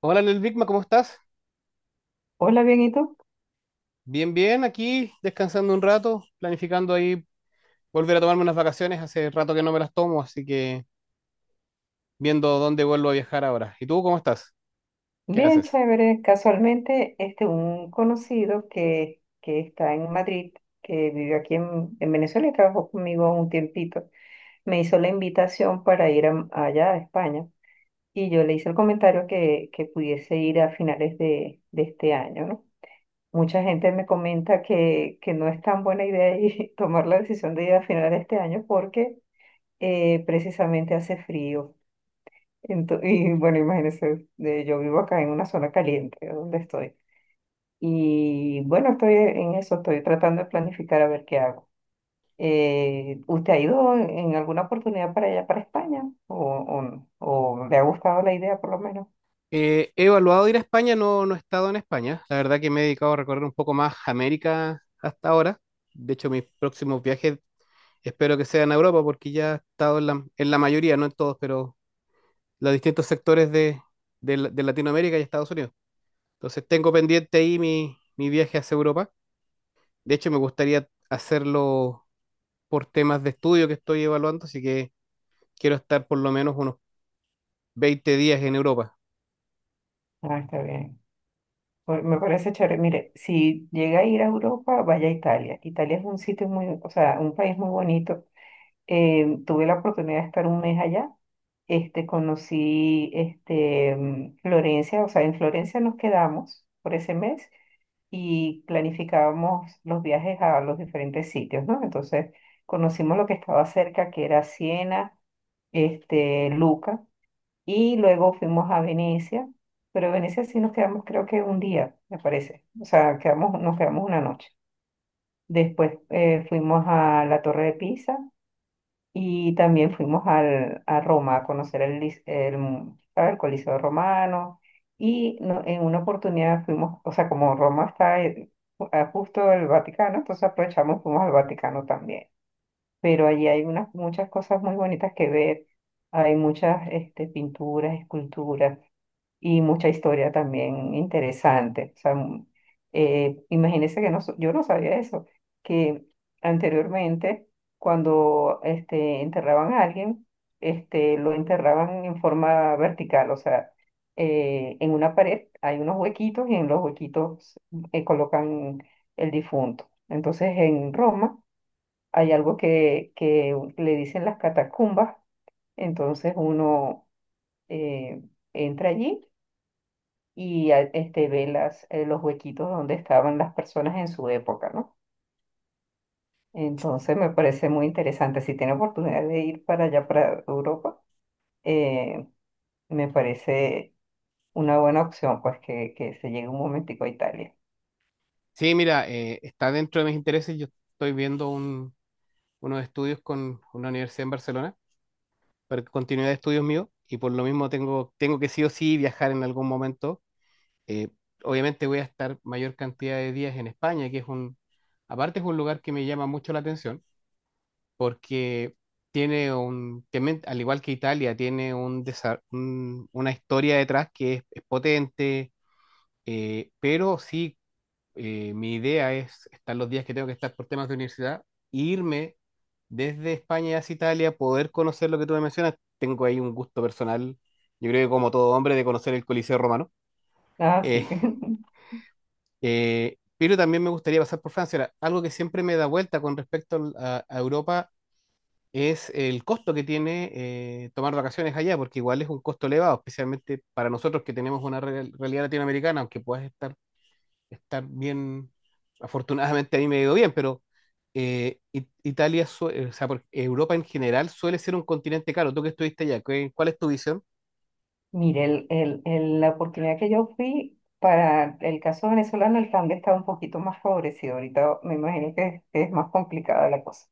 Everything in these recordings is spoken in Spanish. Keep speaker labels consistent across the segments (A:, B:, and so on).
A: Hola, Lel Bigma, ¿cómo estás?
B: Hola, bien, ¿y tú?
A: Bien, bien, aquí descansando un rato, planificando ahí volver a tomarme unas vacaciones. Hace rato que no me las tomo, así que viendo dónde vuelvo a viajar ahora. ¿Y tú cómo estás? ¿Qué
B: Bien,
A: haces?
B: chévere. Casualmente, un conocido que está en Madrid, que vivió aquí en Venezuela y trabajó conmigo un tiempito, me hizo la invitación para allá a España. Y yo le hice el comentario que pudiese ir a finales de este año, ¿no? Mucha gente me comenta que no es tan buena idea tomar la decisión de ir a finales de este año porque precisamente hace frío. Y bueno, imagínense, yo vivo acá en una zona caliente, donde estoy. Y bueno, estoy en eso, estoy tratando de planificar a ver qué hago. ¿Usted ha ido en alguna oportunidad para allá, para España? O, no? ¿O le ha gustado la idea por lo menos?
A: He evaluado ir a España, no, no he estado en España. La verdad que me he dedicado a recorrer un poco más América hasta ahora. De hecho, mis próximos viajes espero que sean a Europa, porque ya he estado en la, mayoría, no en todos, pero los distintos sectores de Latinoamérica y Estados Unidos. Entonces tengo pendiente ahí mi viaje hacia Europa. De hecho, me gustaría hacerlo por temas de estudio que estoy evaluando, así que quiero estar por lo menos unos 20 días en Europa.
B: Ah, está bien. Pues, me parece chévere. Mire, si llega a ir a Europa, vaya a Italia. Italia es un sitio muy, o sea, un país muy bonito. Tuve la oportunidad de estar un mes allá. Conocí Florencia, o sea, en Florencia nos quedamos por ese mes y planificábamos los viajes a los diferentes sitios, ¿no? Entonces, conocimos lo que estaba cerca, que era Siena, Luca, y luego fuimos a Venecia, pero en Venecia sí nos quedamos creo que un día, me parece, o sea, nos quedamos una noche. Después fuimos a la Torre de Pisa y también fuimos a Roma a conocer el, lis- el, mu- ¿sabe? El Coliseo Romano. Y en una oportunidad fuimos, o sea, como Roma está justo el Vaticano, entonces aprovechamos y fuimos al Vaticano también. Pero allí hay unas, muchas cosas muy bonitas que ver. Hay muchas pinturas, esculturas y mucha historia también interesante. O sea, imagínense que yo no sabía eso, que anteriormente cuando enterraban a alguien, lo enterraban en forma vertical, o sea, en una pared hay unos huequitos y en los huequitos colocan el difunto. Entonces en Roma hay algo que le dicen las catacumbas, entonces uno eh, entra allí y ve los huequitos donde estaban las personas en su época, ¿no? Entonces me parece muy interesante. Si tiene oportunidad de ir para allá, para Europa, eh, me parece una buena opción, pues que se llegue un momentico a Italia.
A: Sí, mira, está dentro de mis intereses. Yo estoy viendo unos estudios con una universidad en Barcelona para continuidad de estudios míos y por lo mismo tengo que sí o sí viajar en algún momento. Eh, Obviamente voy a estar mayor cantidad de días en España, que aparte es un lugar que me llama mucho la atención, porque tiene también, al igual que Italia, tiene una historia detrás que es potente. Pero sí, mi idea es estar los días que tengo que estar por temas de universidad, irme desde España hacia Italia, poder conocer lo que tú me mencionas. Tengo ahí un gusto personal, yo creo que como todo hombre, de conocer el Coliseo Romano.
B: Ah,
A: Eh,
B: sí.
A: pero también me gustaría pasar por Francia. Ahora, algo que siempre me da vuelta con respecto a Europa es el costo que tiene tomar vacaciones allá, porque igual es un costo elevado, especialmente para nosotros que tenemos una realidad latinoamericana, aunque puedas estar bien, afortunadamente a mí me ha ido bien, pero Italia, o sea, Europa en general suele ser un continente caro. Tú que estuviste allá, ¿cuál es tu visión?
B: Mire, la oportunidad que yo fui para el caso venezolano, el cambio estaba un poquito más favorecido. Ahorita me imagino que es más complicada la cosa.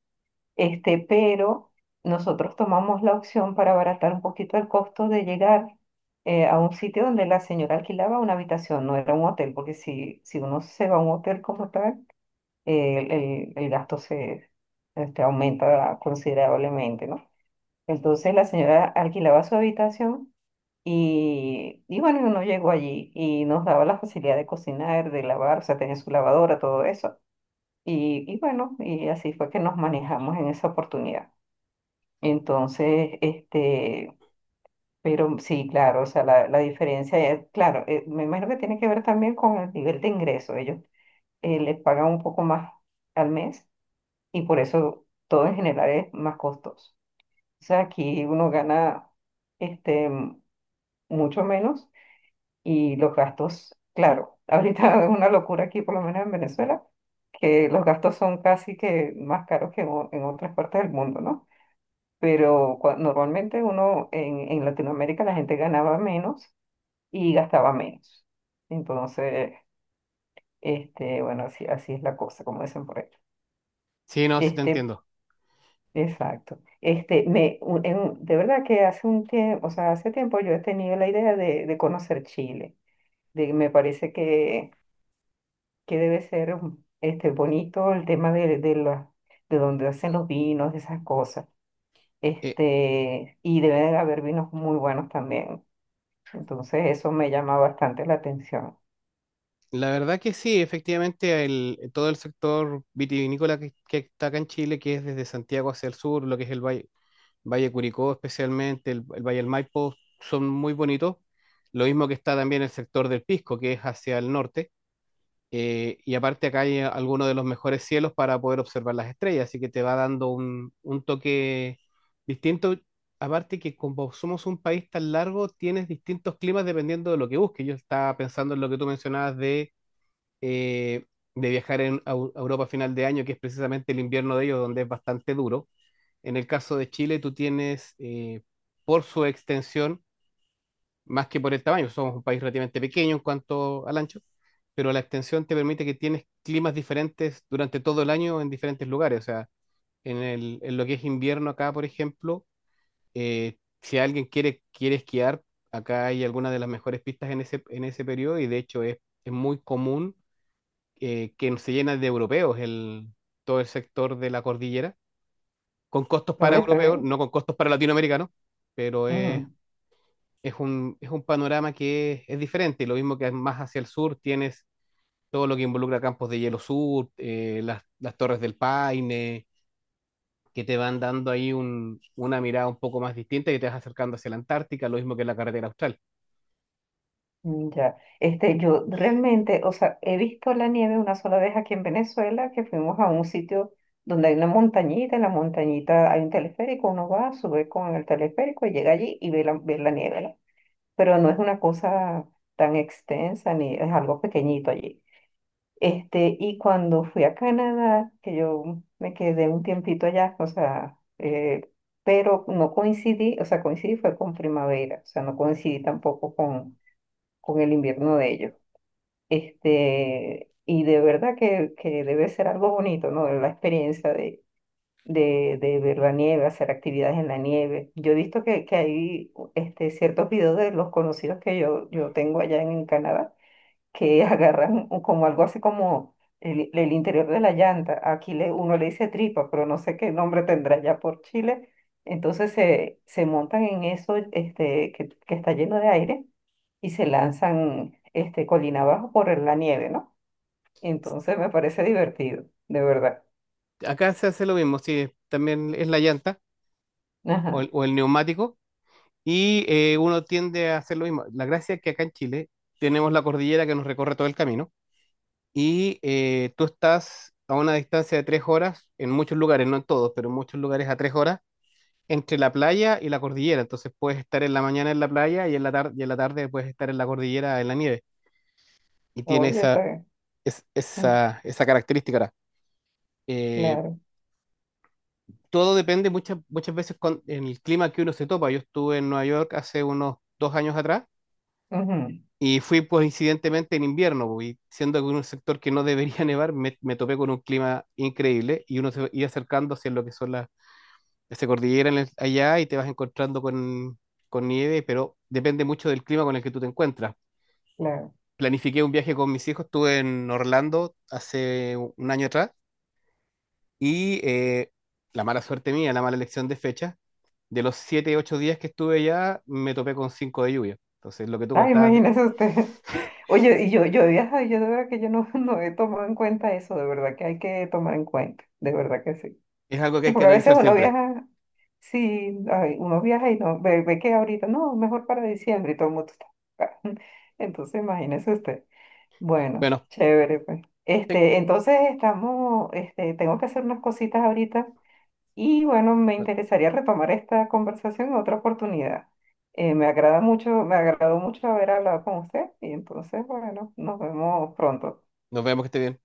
B: Pero nosotros tomamos la opción para abaratar un poquito el costo de llegar a un sitio donde la señora alquilaba una habitación, no era un hotel, porque si uno se va a un hotel como tal, el gasto se aumenta considerablemente, ¿no? Entonces la señora alquilaba su habitación y bueno, uno llegó allí y nos daba la facilidad de cocinar, de lavar, o sea, tenía su lavadora, todo eso. Y bueno, y así fue que nos manejamos en esa oportunidad. Entonces, pero sí, claro, o sea, la diferencia es, claro, me imagino que tiene que ver también con el nivel de ingreso. Ellos les pagan un poco más al mes y por eso todo en general es más costoso. O sea, aquí uno gana este, m- mucho menos y los gastos, claro, ahorita es una locura aquí, por lo menos en Venezuela, que los gastos son casi que más caros que en en otras partes del mundo, ¿no? Pero normalmente uno en Latinoamérica la gente ganaba menos y gastaba menos. Entonces, bueno, así es la cosa, como dicen por ahí.
A: Sí, no, sí te
B: Este,
A: entiendo.
B: exacto. De verdad que hace un tiempo, o sea, hace tiempo yo he tenido la idea de conocer Chile. Me parece que debe ser bonito el tema de donde hacen los vinos, esas cosas.
A: Eh,
B: Y debe de haber vinos muy buenos también. Entonces eso me llama bastante la atención.
A: la verdad que sí, efectivamente, todo el sector vitivinícola que está acá en Chile, que es desde Santiago hacia el sur, lo que es el Valle, Valle Curicó especialmente, el Valle del Maipo, son muy bonitos. Lo mismo que está también el sector del Pisco, que es hacia el norte. Y aparte acá hay algunos de los mejores cielos para poder observar las estrellas, así que te va dando un toque distinto. Aparte que como somos un país tan largo, tienes distintos climas dependiendo de lo que busques. Yo estaba pensando en lo que tú mencionabas eh, de viajar a Europa a final de año, que es precisamente el invierno de ellos, donde es bastante duro en el caso de Chile. Tú tienes, por su extensión, más que por el tamaño, somos un país relativamente pequeño en cuanto al ancho, pero la extensión te permite que tienes climas diferentes durante todo el año en diferentes lugares. O sea, en lo que es invierno acá, por ejemplo, si alguien quiere esquiar, acá hay algunas de las mejores pistas en ese periodo, y de hecho es muy común que se llena de europeos todo el sector de la cordillera con costos
B: ¿No
A: para
B: voy a estar
A: europeos,
B: bien?
A: no con costos para latinoamericanos, pero
B: Ujú,
A: es un panorama que es diferente. Lo mismo que más hacia el sur tienes todo lo que involucra campos de hielo sur, las torres del Paine, que te van dando ahí una mirada un poco más distinta y te vas acercando hacia la Antártica, lo mismo que la carretera austral.
B: mm, ya. Yo realmente, o sea, he visto la nieve una sola vez aquí en Venezuela, que fuimos a un sitio donde hay una montañita, en la montañita hay un teleférico, uno va, sube con el teleférico y llega allí y ve ve la nieve, ¿no? Pero no es una cosa tan extensa ni es algo pequeñito allí. Y cuando fui a Canadá, que yo me quedé un tiempito allá, o sea, pero no coincidí, o sea, coincidí fue con primavera, o sea, no coincidí tampoco con, con el invierno de ellos. Y de verdad que debe ser algo bonito, ¿no? La experiencia de ver la nieve, hacer actividades en la nieve. Yo he visto que hay ciertos videos de los conocidos que yo tengo allá en Canadá que agarran como algo así como el interior de la llanta. Aquí uno le dice tripa, pero no sé qué nombre tendrá ya por Chile. Entonces se montan en eso que está lleno de aire y se lanzan colina abajo por la nieve, ¿no? Entonces me parece divertido, de verdad.
A: Acá se hace lo mismo, sí, también es la llanta
B: Ajá.
A: o el neumático y uno tiende a hacer lo mismo. La gracia es que acá en Chile tenemos la cordillera que nos recorre todo el camino y tú estás a una distancia de 3 horas, en muchos lugares, no en todos, pero en muchos lugares a 3 horas, entre la playa y la cordillera. Entonces puedes estar en la mañana en la playa y en la tarde puedes estar en la cordillera en la nieve. Y tiene
B: Oye, está
A: esa,
B: bien. Mm,
A: esa característica. Ahora, Eh,
B: claro.
A: todo depende muchas, muchas veces con en el clima que uno se topa. Yo estuve en Nueva York hace unos 2 años atrás
B: Ujú,
A: y fui pues incidentemente en invierno, po, y siendo que en un sector que no debería nevar, me topé con un clima increíble, y uno se iba acercando hacia lo que son las se cordillera allá y te vas encontrando con nieve, pero depende mucho del clima con el que tú te encuentras.
B: claro.
A: Planifiqué un viaje con mis hijos, estuve en Orlando hace un año atrás y la mala suerte mía, la mala elección de fecha, de los 7 u 8 días que estuve allá, me topé con 5 de lluvia. Entonces, lo que tú
B: Ah,
A: contabas
B: imagínese usted. Oye, y yo de verdad que yo no, no he tomado en cuenta eso, de verdad que hay que tomar en cuenta, de verdad que sí.
A: es algo que
B: Sí,
A: hay que
B: porque a veces
A: analizar
B: uno
A: siempre.
B: viaja, sí, ay, uno viaja y no, ve que ahorita, no, mejor para diciembre y todo el mundo está ocupado. Entonces, imagínese usted. Bueno,
A: Bueno,
B: chévere, pues. Entonces estamos, tengo que hacer unas cositas ahorita. Y bueno, me
A: te-
B: interesaría retomar esta conversación en otra oportunidad. Me agradó mucho haber hablado con usted y entonces, bueno, nos vemos pronto.
A: nos vemos, que esté bien.